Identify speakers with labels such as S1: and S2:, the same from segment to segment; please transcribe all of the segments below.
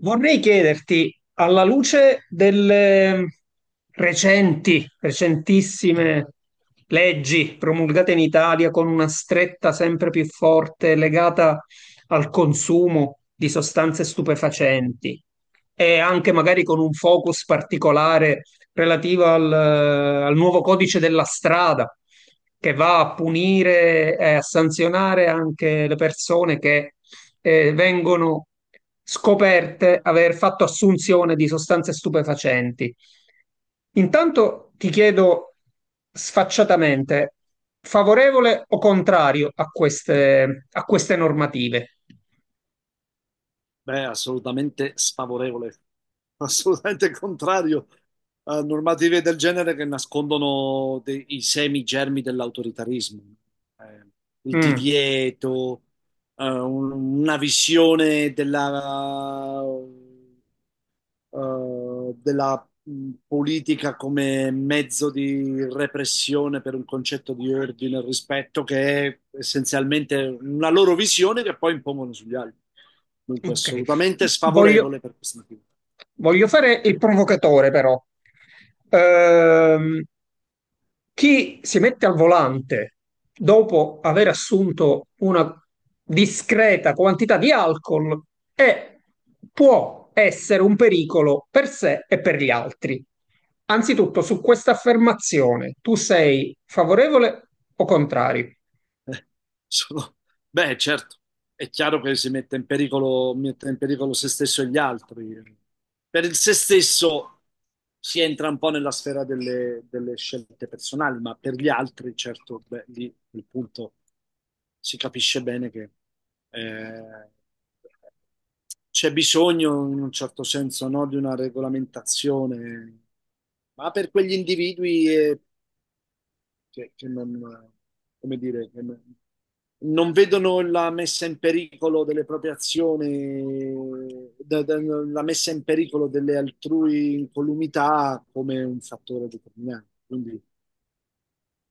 S1: Vorrei chiederti, alla luce delle recentissime leggi promulgate in Italia con una stretta sempre più forte legata al consumo di sostanze stupefacenti e anche magari con un focus particolare relativo al nuovo codice della strada che va a punire e a sanzionare anche le persone che vengono scoperte aver fatto assunzione di sostanze stupefacenti. Intanto ti chiedo sfacciatamente, favorevole o contrario a queste normative?
S2: Beh, assolutamente sfavorevole, assolutamente contrario a normative del genere che nascondono i semi germi dell'autoritarismo. Eh, il
S1: Mm,
S2: divieto, una visione della politica come mezzo di repressione per un concetto di ordine e rispetto che è essenzialmente una loro visione che poi impongono sugli altri. Dunque,
S1: ok,
S2: assolutamente sfavorevole
S1: voglio,
S2: per questo motivo.
S1: voglio fare il provocatore però. Ehm, Chi si mette al volante dopo aver assunto una discreta quantità di alcol è, può essere un pericolo per sé e per gli altri. Anzitutto, su questa affermazione, tu sei favorevole o contrario?
S2: Eh, sono- Beh, certo, è chiaro che si mette in pericolo se stesso e gli altri. Per il se stesso si entra un po' nella sfera delle, delle scelte personali, ma per gli altri, certo, beh, lì il punto si capisce bene che eh, c'è bisogno, in un certo senso, no, di una regolamentazione, ma per quegli individui e che non, come dire, che non vedono la messa in pericolo delle proprie azioni, la messa in pericolo delle altrui incolumità come un fattore determinante. Quindi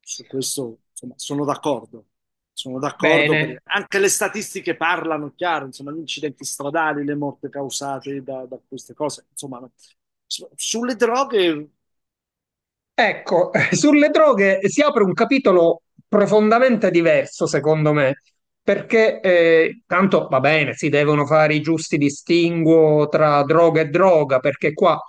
S2: su questo, insomma, sono d'accordo. Sono d'accordo perché
S1: Bene.
S2: anche le statistiche parlano chiaro, insomma, gli incidenti stradali, le morte causate da queste cose, insomma, no. Sulle droghe,
S1: Ecco, sulle droghe si apre un capitolo profondamente diverso, secondo me, perché tanto va bene, si devono fare i giusti distinguo tra droga e droga, perché qua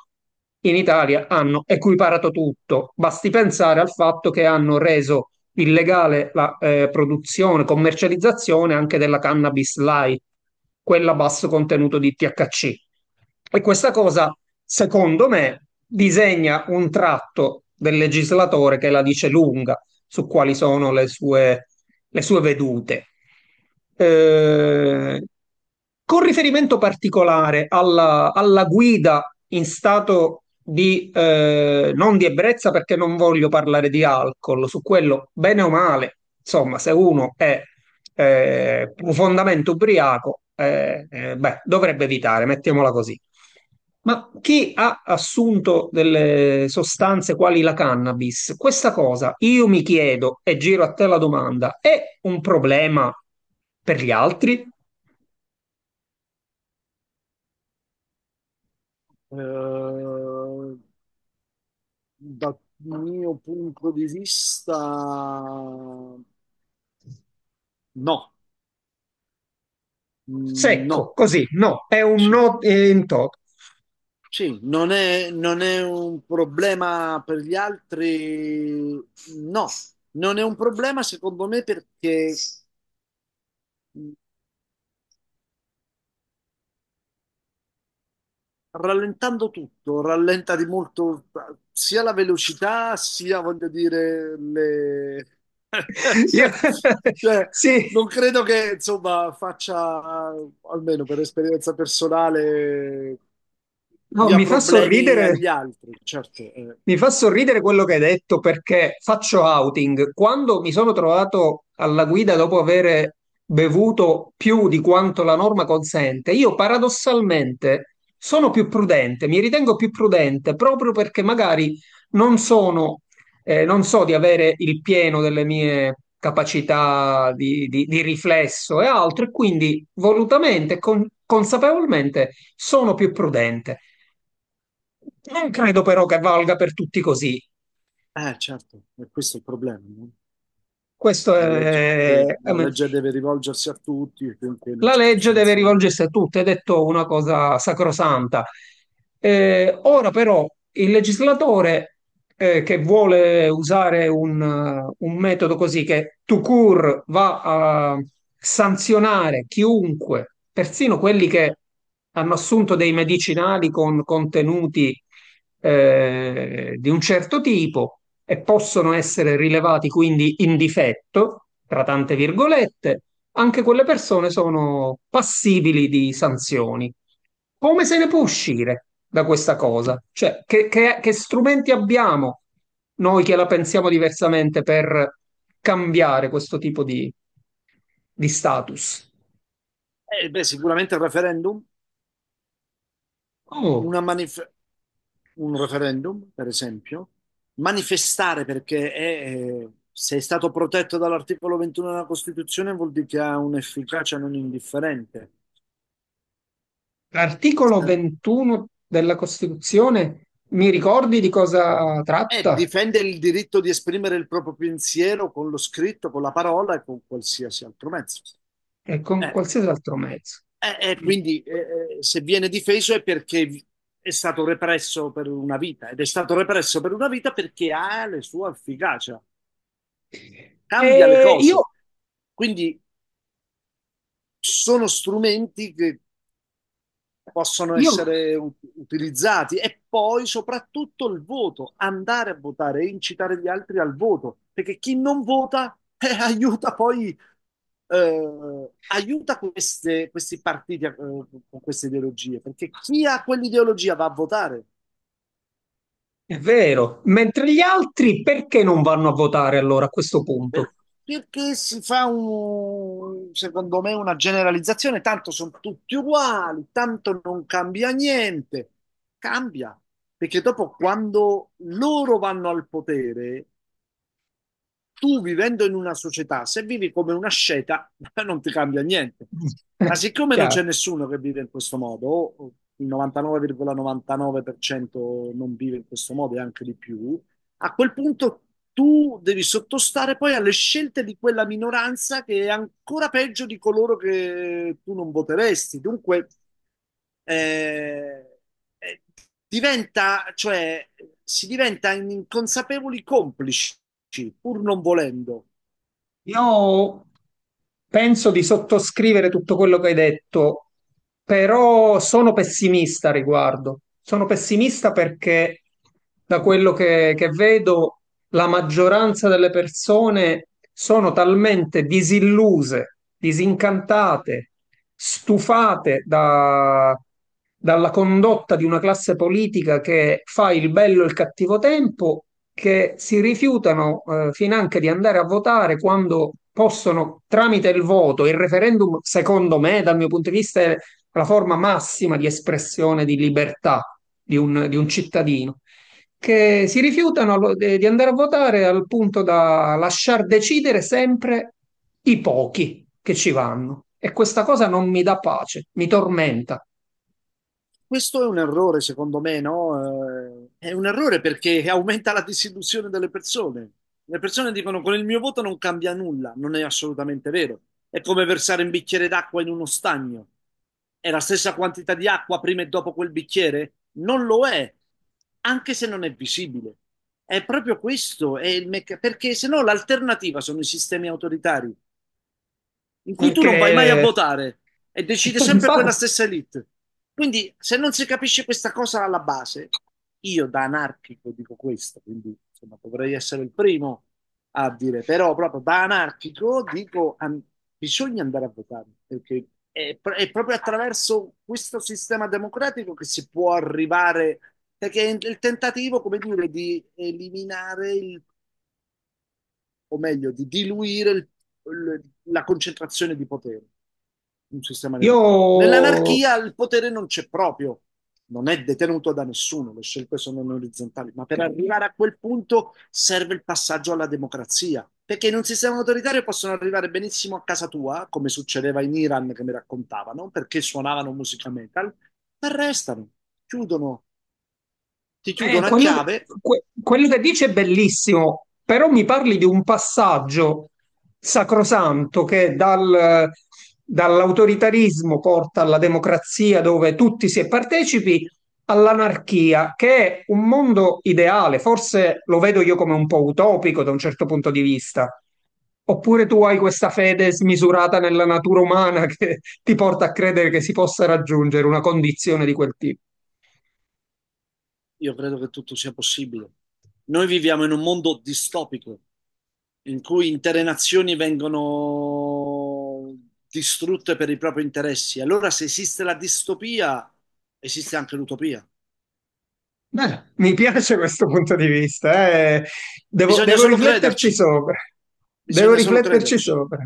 S1: in Italia hanno equiparato tutto. Basti pensare al fatto che hanno reso illegale la produzione, commercializzazione anche della cannabis light, quella a basso contenuto di THC. E questa cosa, secondo me, disegna un tratto del legislatore che la dice lunga su quali sono le sue vedute. Eh, con riferimento particolare alla guida in stato di non di ebbrezza, perché non voglio parlare di alcol, su quello, bene o male, insomma, se uno è profondamente ubriaco, beh, dovrebbe evitare, mettiamola così. Ma chi ha assunto delle sostanze quali la cannabis, questa cosa io mi chiedo e giro a te la domanda, è un problema per gli altri?
S2: eh, dal mio punto di vista, no. Mm,
S1: Secco,
S2: no.
S1: così, no, è un
S2: Sì,
S1: no in toto.
S2: sì, non è un problema per gli altri, no, non è un problema secondo me perché rallentando tutto, rallenta di molto sia la velocità, sia voglio dire le...
S1: Io-
S2: Cioè,
S1: Sì,
S2: non credo che insomma faccia, almeno per esperienza personale,
S1: no,
S2: dia
S1: mi fa
S2: problemi
S1: sorridere.
S2: agli altri. Certo,
S1: Mi fa sorridere quello che hai detto perché faccio outing. Quando mi sono trovato alla guida dopo aver bevuto più di quanto la norma consente, io paradossalmente sono più prudente, mi ritengo più prudente proprio perché magari non sono, non so di avere il pieno delle mie capacità di riflesso e altro, e quindi volutamente, e consapevolmente sono più prudente. Non credo però che valga per tutti così.
S2: certo, e questo è il problema, no?
S1: Questo
S2: La legge
S1: è,
S2: deve, la
S1: ehm,
S2: legge deve rivolgersi a tutti, e quindi in un
S1: la
S2: certo
S1: legge deve
S2: senso... no.
S1: rivolgersi a tutti, è detto una cosa sacrosanta. Ora però il legislatore che vuole usare un metodo così che tout court va a sanzionare chiunque, persino quelli che hanno assunto dei medicinali con contenuti di un certo tipo e possono essere rilevati quindi in difetto, tra tante virgolette, anche quelle persone sono passibili di sanzioni. Come se ne può uscire da questa cosa? Cioè, che strumenti abbiamo noi che la pensiamo diversamente per cambiare questo tipo di status?
S2: Beh, sicuramente il referendum,
S1: Oh.
S2: una manifestazione. Un referendum, per esempio, manifestare perché è, se è stato protetto dall'articolo 21 della Costituzione vuol dire che ha un'efficacia non indifferente.
S1: L'articolo 21 della Costituzione, mi ricordi di cosa
S2: E
S1: tratta?
S2: difende il diritto di esprimere il proprio pensiero con lo scritto, con la parola e con qualsiasi altro mezzo.
S1: E con
S2: Eh,
S1: qualsiasi altro mezzo. Mm.
S2: quindi se viene difeso è perché è stato represso per una vita ed è stato represso per una vita perché ha la sua efficacia, cambia le
S1: E io,
S2: cose. Quindi sono strumenti che possono
S1: io,
S2: essere utilizzati e poi soprattutto il voto, andare a votare e incitare gli altri al voto, perché chi non vota aiuta poi questi partiti con queste ideologie, perché chi ha quell'ideologia va a votare.
S1: è vero, mentre gli altri perché non vanno a votare allora a questo punto?
S2: Per- Perché si fa un, secondo me, una generalizzazione, tanto sono tutti uguali, tanto non cambia niente. Cambia, perché dopo quando loro vanno al potere, tu vivendo in una società, se vivi come una sceta, non ti cambia niente. Ma siccome non
S1: Chiaro.
S2: c'è nessuno che vive in questo modo, o il 99,99% non vive in questo modo e anche di più, a quel punto tu devi sottostare poi alle scelte di quella minoranza che è ancora peggio di coloro che tu non voteresti. Dunque, eh, eh, cioè, si diventa inconsapevoli complici, pur non volendo.
S1: Io penso di sottoscrivere tutto quello che hai detto, però sono pessimista a riguardo. Sono pessimista perché da quello che vedo la maggioranza delle persone sono talmente disilluse, disincantate, stufate da- dalla condotta di una classe politica che fa il bello e il cattivo tempo, che si rifiutano finanche di andare a votare quando possono, tramite il voto, il referendum, secondo me, dal mio punto di vista, è la forma massima di espressione di libertà di un cittadino che si rifiutano di andare a votare al punto da lasciar decidere sempre i pochi che ci vanno. E questa cosa non mi dà pace, mi tormenta.
S2: Questo è un errore, secondo me, no? È un errore perché aumenta la disillusione delle persone. Le persone dicono con il mio voto non cambia nulla, non è assolutamente vero. È come versare un bicchiere d'acqua in uno stagno. È la stessa quantità di acqua prima e dopo quel bicchiere? Non lo è, anche se non è visibile. È proprio questo, perché se no l'alternativa sono i sistemi autoritari in cui tu non vai mai a
S1: Perché,
S2: votare e decide sempre
S1: infatti,
S2: quella stessa elite. Quindi, se non si capisce questa cosa alla base, io da anarchico dico questo, quindi insomma, dovrei essere il primo a dire, però proprio da anarchico dico bisogna andare a votare, perché è proprio attraverso questo sistema democratico che si può arrivare, perché è il tentativo, come dire, di eliminare il o meglio, di diluire la concentrazione di potere in un sistema
S1: io.
S2: democratico. Nell'anarchia il potere non c'è proprio, non è detenuto da nessuno, le scelte sono non orizzontali, ma per arrivare a quel punto serve il passaggio alla democrazia, perché in un sistema autoritario possono arrivare benissimo a casa tua, come succedeva in Iran che mi raccontavano, perché suonavano musica metal, ti arrestano, chiudono, ti
S1: Eh,
S2: chiudono a
S1: quello,
S2: chiave.
S1: quello che dice è bellissimo, però mi parli di un passaggio sacrosanto che dall'autoritarismo porta alla democrazia dove tutti si è partecipi, all'anarchia, che è un mondo ideale, forse lo vedo io come un po' utopico da un certo punto di vista. Oppure tu hai questa fede smisurata nella natura umana che ti porta a credere che si possa raggiungere una condizione di quel tipo.
S2: Io credo che tutto sia possibile. Noi viviamo in un mondo distopico in cui intere nazioni vengono distrutte per i propri interessi. Allora, se esiste la distopia, esiste anche l'utopia.
S1: Beh, mi piace questo punto di vista, eh.
S2: Bisogna
S1: Devo
S2: solo
S1: rifletterci
S2: crederci,
S1: sopra. Devo
S2: bisogna solo
S1: rifletterci
S2: crederci.
S1: sopra.